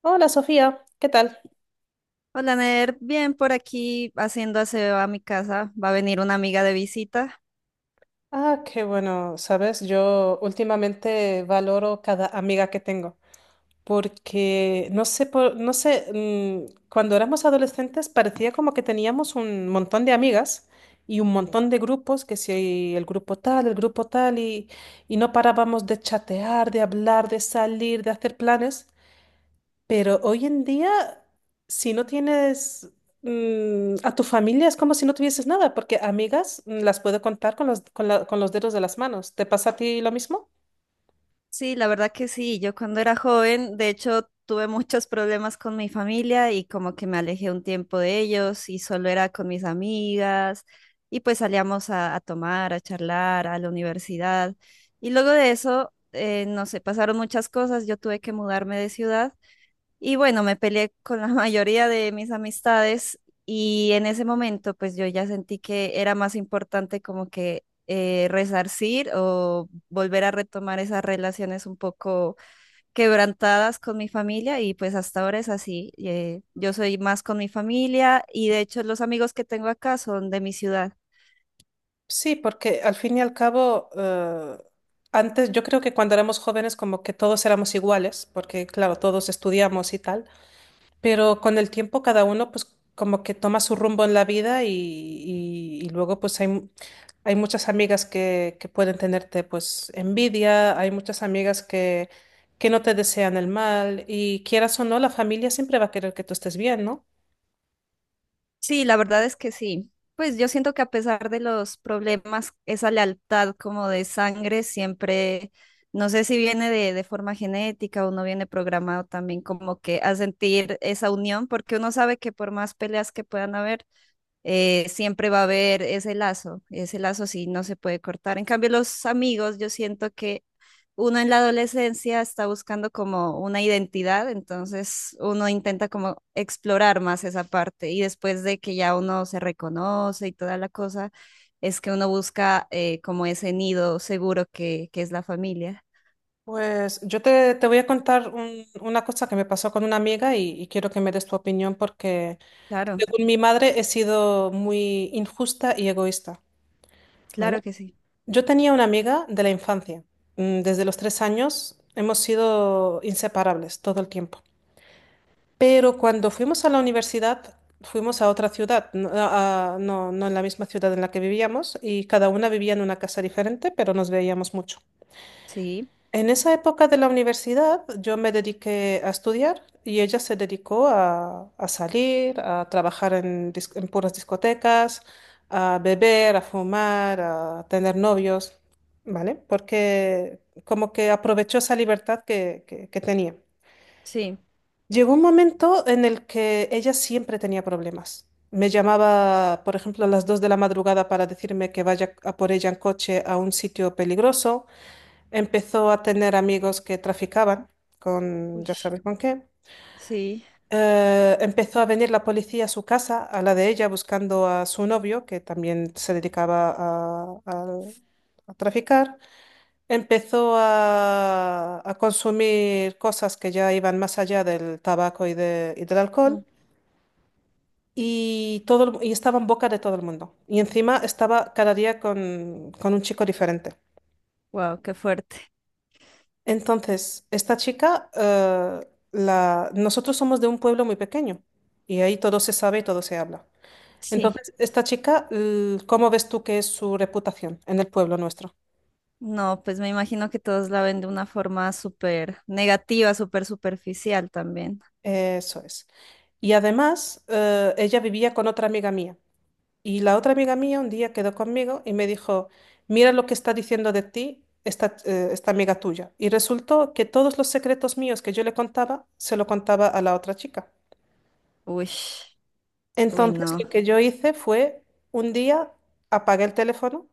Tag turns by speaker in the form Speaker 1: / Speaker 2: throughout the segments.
Speaker 1: Hola Sofía, ¿qué tal?
Speaker 2: Hola, Ner. Bien, por aquí haciendo aseo a mi casa. Va a venir una amiga de visita.
Speaker 1: Ah, qué bueno, sabes, yo últimamente valoro cada amiga que tengo, porque no sé, no sé, cuando éramos adolescentes parecía como que teníamos un montón de amigas y un montón de grupos, que si el grupo tal, el grupo tal, y no parábamos de chatear, de hablar, de salir, de hacer planes. Pero hoy en día, si no tienes a tu familia, es como si no tuvieses nada, porque amigas las puedo contar con con con los dedos de las manos. ¿Te pasa a ti lo mismo?
Speaker 2: Sí, la verdad que sí. Yo cuando era joven, de hecho, tuve muchos problemas con mi familia y como que me alejé un tiempo de ellos y solo era con mis amigas y pues salíamos a tomar, a charlar, a la universidad. Y luego de eso, no sé, pasaron muchas cosas. Yo tuve que mudarme de ciudad. Y bueno, me peleé con la mayoría de mis amistades y en ese momento pues yo ya sentí que era más importante como que resarcir o volver a retomar esas relaciones un poco quebrantadas con mi familia y pues hasta ahora es así. Yo soy más con mi familia y de hecho los amigos que tengo acá son de mi ciudad.
Speaker 1: Sí, porque al fin y al cabo, antes yo creo que cuando éramos jóvenes como que todos éramos iguales, porque claro, todos estudiamos y tal. Pero con el tiempo cada uno pues como que toma su rumbo en la vida y luego pues hay muchas amigas que pueden tenerte pues envidia, hay muchas amigas que no te desean el mal y quieras o no, la familia siempre va a querer que tú estés bien, ¿no?
Speaker 2: Sí, la verdad es que sí. Pues yo siento que a pesar de los problemas, esa lealtad como de sangre siempre, no sé si viene de forma genética o no viene programado también como que a sentir esa unión, porque uno sabe que por más peleas que puedan haber, siempre va a haber ese lazo sí no se puede cortar. En cambio, los amigos, yo siento que uno en la adolescencia está buscando como una identidad, entonces uno intenta como explorar más esa parte y después de que ya uno se reconoce y toda la cosa, es que uno busca como ese nido seguro que es la familia.
Speaker 1: Pues yo te voy a contar una cosa que me pasó con una amiga y quiero que me des tu opinión porque
Speaker 2: Claro,
Speaker 1: según mi madre he sido muy injusta y egoísta,
Speaker 2: claro
Speaker 1: ¿vale?
Speaker 2: que sí.
Speaker 1: Yo tenía una amiga de la infancia. Desde los 3 años hemos sido inseparables todo el tiempo. Pero cuando fuimos a la universidad, fuimos a otra ciudad, no, no, no en la misma ciudad en la que vivíamos, y cada una vivía en una casa diferente, pero nos veíamos mucho.
Speaker 2: Sí,
Speaker 1: En esa época de la universidad yo me dediqué a estudiar y ella se dedicó a salir, a trabajar en puras discotecas, a beber, a fumar, a tener novios, ¿vale? Porque como que aprovechó esa libertad que tenía.
Speaker 2: sí.
Speaker 1: Llegó un momento en el que ella siempre tenía problemas. Me llamaba, por ejemplo, a las 2 de la madrugada para decirme que vaya a por ella en coche a un sitio peligroso. Empezó a tener amigos que traficaban con,
Speaker 2: Uy.
Speaker 1: ya sabes con qué.
Speaker 2: Sí.
Speaker 1: Empezó a venir la policía a su casa, a la de ella, buscando a su novio, que también se dedicaba a traficar. Empezó a consumir cosas que ya iban más allá del tabaco y del alcohol. Y estaba en boca de todo el mundo. Y encima estaba cada día con un chico diferente.
Speaker 2: Wow, qué fuerte.
Speaker 1: Entonces, esta chica, nosotros somos de un pueblo muy pequeño y ahí todo se sabe y todo se habla.
Speaker 2: Sí.
Speaker 1: Entonces, esta chica, ¿cómo ves tú que es su reputación en el pueblo nuestro?
Speaker 2: No, pues me imagino que todos la ven de una forma súper negativa, súper superficial también.
Speaker 1: Eso es. Y además, ella vivía con otra amiga mía. Y la otra amiga mía un día quedó conmigo y me dijo, mira lo que está diciendo de ti esta, esta amiga tuya. Y resultó que todos los secretos míos que yo le contaba, se lo contaba a la otra chica.
Speaker 2: Uy, uy,
Speaker 1: Entonces
Speaker 2: no.
Speaker 1: lo que yo hice fue un día apagué el teléfono,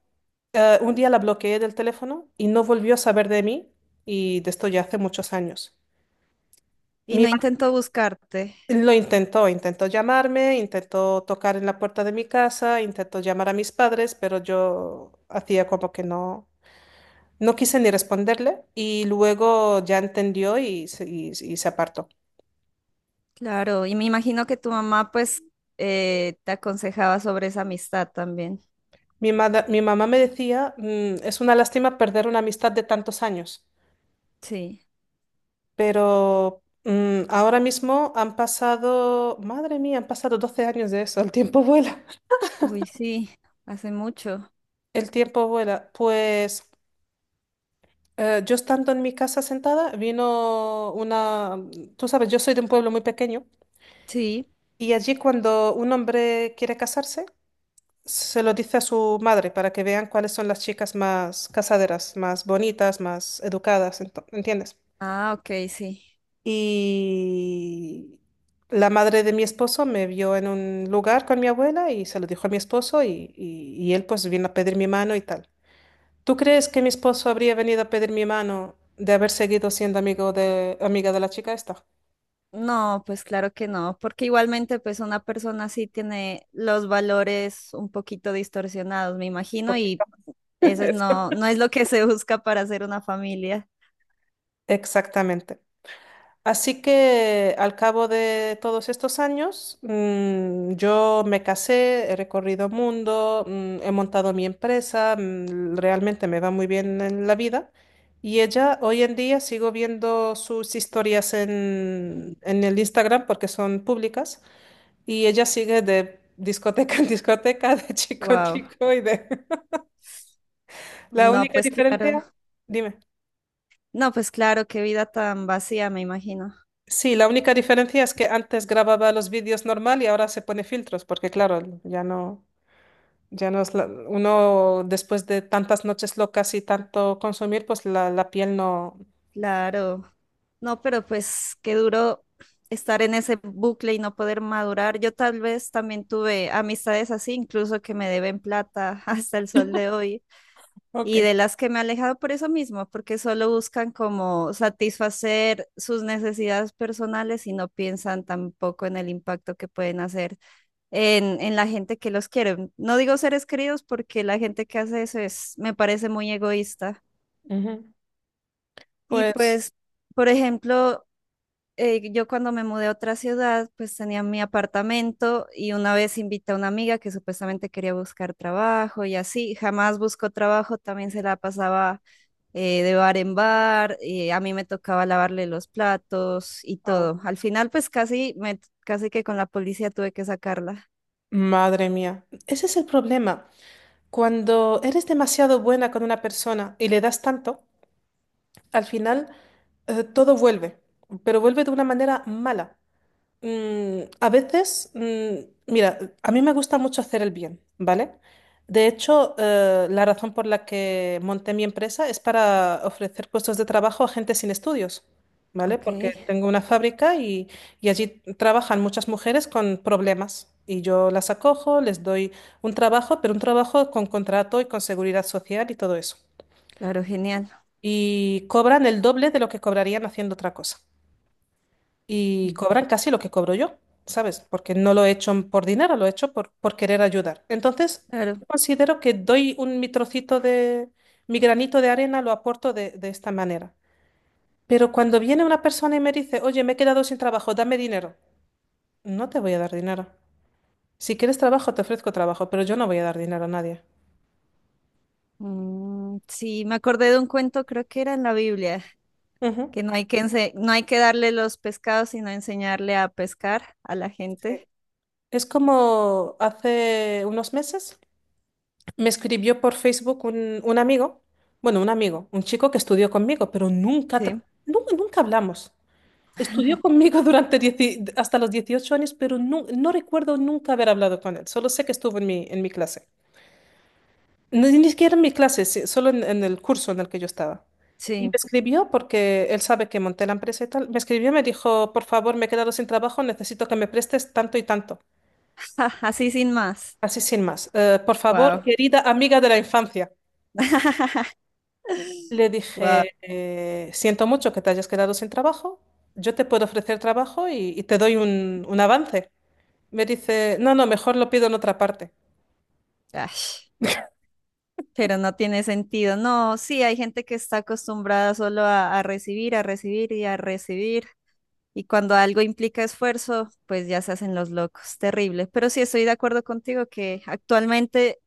Speaker 1: un día la bloqueé del teléfono y no volvió a saber de mí y de esto ya hace muchos años.
Speaker 2: Y
Speaker 1: Mi
Speaker 2: no intento buscarte,
Speaker 1: madre lo intentó, intentó llamarme, intentó tocar en la puerta de mi casa, intentó llamar a mis padres, pero yo hacía como que no, no quise ni responderle y luego ya entendió y se apartó.
Speaker 2: claro. Y me imagino que tu mamá, pues, te aconsejaba sobre esa amistad también.
Speaker 1: Mi mamá me decía, Es una lástima perder una amistad de tantos años.
Speaker 2: Sí.
Speaker 1: Pero ahora mismo han pasado, madre mía, han pasado 12 años de eso, el tiempo vuela."
Speaker 2: Uy, sí, hace mucho.
Speaker 1: El tiempo vuela. Pues yo estando en mi casa sentada, vino una, tú sabes, yo soy de un pueblo muy pequeño
Speaker 2: Sí.
Speaker 1: y allí cuando un hombre quiere casarse, se lo dice a su madre para que vean cuáles son las chicas más casaderas, más bonitas, más educadas, ¿entiendes?
Speaker 2: Ah, ok, sí.
Speaker 1: Y la madre de mi esposo me vio en un lugar con mi abuela y se lo dijo a mi esposo y él pues vino a pedir mi mano y tal. ¿Tú crees que mi esposo habría venido a pedir mi mano de haber seguido siendo amigo de, amiga de la chica esta?
Speaker 2: No, pues claro que no, porque igualmente, pues, una persona sí tiene los valores un poquito distorsionados, me imagino,
Speaker 1: Poquito.
Speaker 2: y no,
Speaker 1: Eso.
Speaker 2: no es lo que se busca para hacer una familia.
Speaker 1: Exactamente. Así que al cabo de todos estos años, yo me casé, he recorrido mundo, he montado mi empresa, realmente me va muy bien en la vida. Y ella, hoy en día sigo viendo sus historias en el Instagram porque son públicas y ella sigue de discoteca en discoteca, de chico en
Speaker 2: Wow.
Speaker 1: chico y de... La
Speaker 2: No,
Speaker 1: única
Speaker 2: pues claro.
Speaker 1: diferencia, dime.
Speaker 2: No, pues claro, qué vida tan vacía, me imagino.
Speaker 1: Sí, la única diferencia es que antes grababa los vídeos normal y ahora se pone filtros, porque claro, ya no, ya no es uno después de tantas noches locas y tanto consumir, pues la piel no.
Speaker 2: Claro. No, pero pues qué duro estar en ese bucle y no poder madurar. Yo tal vez también tuve amistades así, incluso que me deben plata hasta el sol de hoy, y
Speaker 1: Ok.
Speaker 2: de las que me he alejado por eso mismo, porque solo buscan como satisfacer sus necesidades personales y no piensan tampoco en el impacto que pueden hacer en la gente que los quiere. No digo seres queridos porque la gente que hace eso es, me parece muy egoísta.
Speaker 1: Ujú.
Speaker 2: Y
Speaker 1: Pues,
Speaker 2: pues, por ejemplo, yo cuando me mudé a otra ciudad, pues tenía mi apartamento y una vez invité a una amiga que supuestamente quería buscar trabajo y así, jamás buscó trabajo, también se la pasaba de bar en bar, a mí me tocaba lavarle los platos y
Speaker 1: au,
Speaker 2: todo. Al final, pues casi que con la policía tuve que sacarla.
Speaker 1: madre mía, ese es el problema. Cuando eres demasiado buena con una persona y le das tanto, al final todo vuelve, pero vuelve de una manera mala. A veces, mira, a mí me gusta mucho hacer el bien, ¿vale? De hecho, la razón por la que monté mi empresa es para ofrecer puestos de trabajo a gente sin estudios, ¿vale?
Speaker 2: Ok,
Speaker 1: Porque tengo una fábrica y allí trabajan muchas mujeres con problemas y yo las acojo, les doy un trabajo, pero un trabajo con contrato y con seguridad social y todo eso.
Speaker 2: claro, genial.
Speaker 1: Y cobran el doble de lo que cobrarían haciendo otra cosa y cobran casi lo que cobro yo, ¿sabes? Porque no lo he hecho por dinero, lo he hecho por querer ayudar. Entonces,
Speaker 2: Claro.
Speaker 1: considero que doy mi trocito de, mi granito de arena, lo aporto de esta manera. Pero cuando viene una persona y me dice, oye, me he quedado sin trabajo, dame dinero, no te voy a dar dinero. Si quieres trabajo, te ofrezco trabajo, pero yo no voy a dar dinero a nadie.
Speaker 2: Mm, sí, me acordé de un cuento, creo que era en la Biblia,
Speaker 1: Ujú.
Speaker 2: que no hay que darle los pescados, sino enseñarle a pescar a la
Speaker 1: Sí.
Speaker 2: gente.
Speaker 1: Es como hace unos meses. Me escribió por Facebook un amigo, bueno, un amigo, un chico que estudió conmigo, pero nunca, tra-
Speaker 2: Sí,
Speaker 1: nu- nunca hablamos. Estudió conmigo hasta los 18 años, pero no recuerdo nunca haber hablado con él. Solo sé que estuvo en en mi clase. Ni siquiera en mi clase, sí, solo en el curso en el que yo estaba. Y me
Speaker 2: sí.
Speaker 1: escribió porque él sabe que monté la empresa y tal. Me escribió y me dijo, por favor, me he quedado sin trabajo, necesito que me prestes tanto y tanto.
Speaker 2: Así sin más.
Speaker 1: Así sin más. Por favor,
Speaker 2: Wow.
Speaker 1: querida amiga de la infancia. Le
Speaker 2: Wow.
Speaker 1: dije, siento mucho que te hayas quedado sin trabajo, yo te puedo ofrecer trabajo y te doy un avance. Me dice, no, no, mejor lo pido en otra parte.
Speaker 2: Ash, pero no tiene sentido. No, sí, hay gente que está acostumbrada solo a recibir, a recibir. Y cuando algo implica esfuerzo, pues ya se hacen los locos. Terrible. Pero sí estoy de acuerdo contigo que actualmente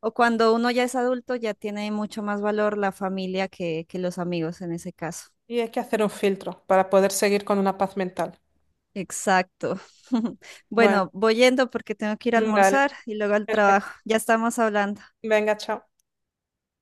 Speaker 2: o cuando uno ya es adulto, ya tiene mucho más valor la familia que los amigos en ese caso.
Speaker 1: Y hay que hacer un filtro para poder seguir con una paz mental.
Speaker 2: Exacto.
Speaker 1: Bueno,
Speaker 2: Bueno, voy yendo porque tengo que ir a
Speaker 1: vale,
Speaker 2: almorzar y luego al
Speaker 1: perfecto.
Speaker 2: trabajo. Ya estamos hablando.
Speaker 1: Venga, chao.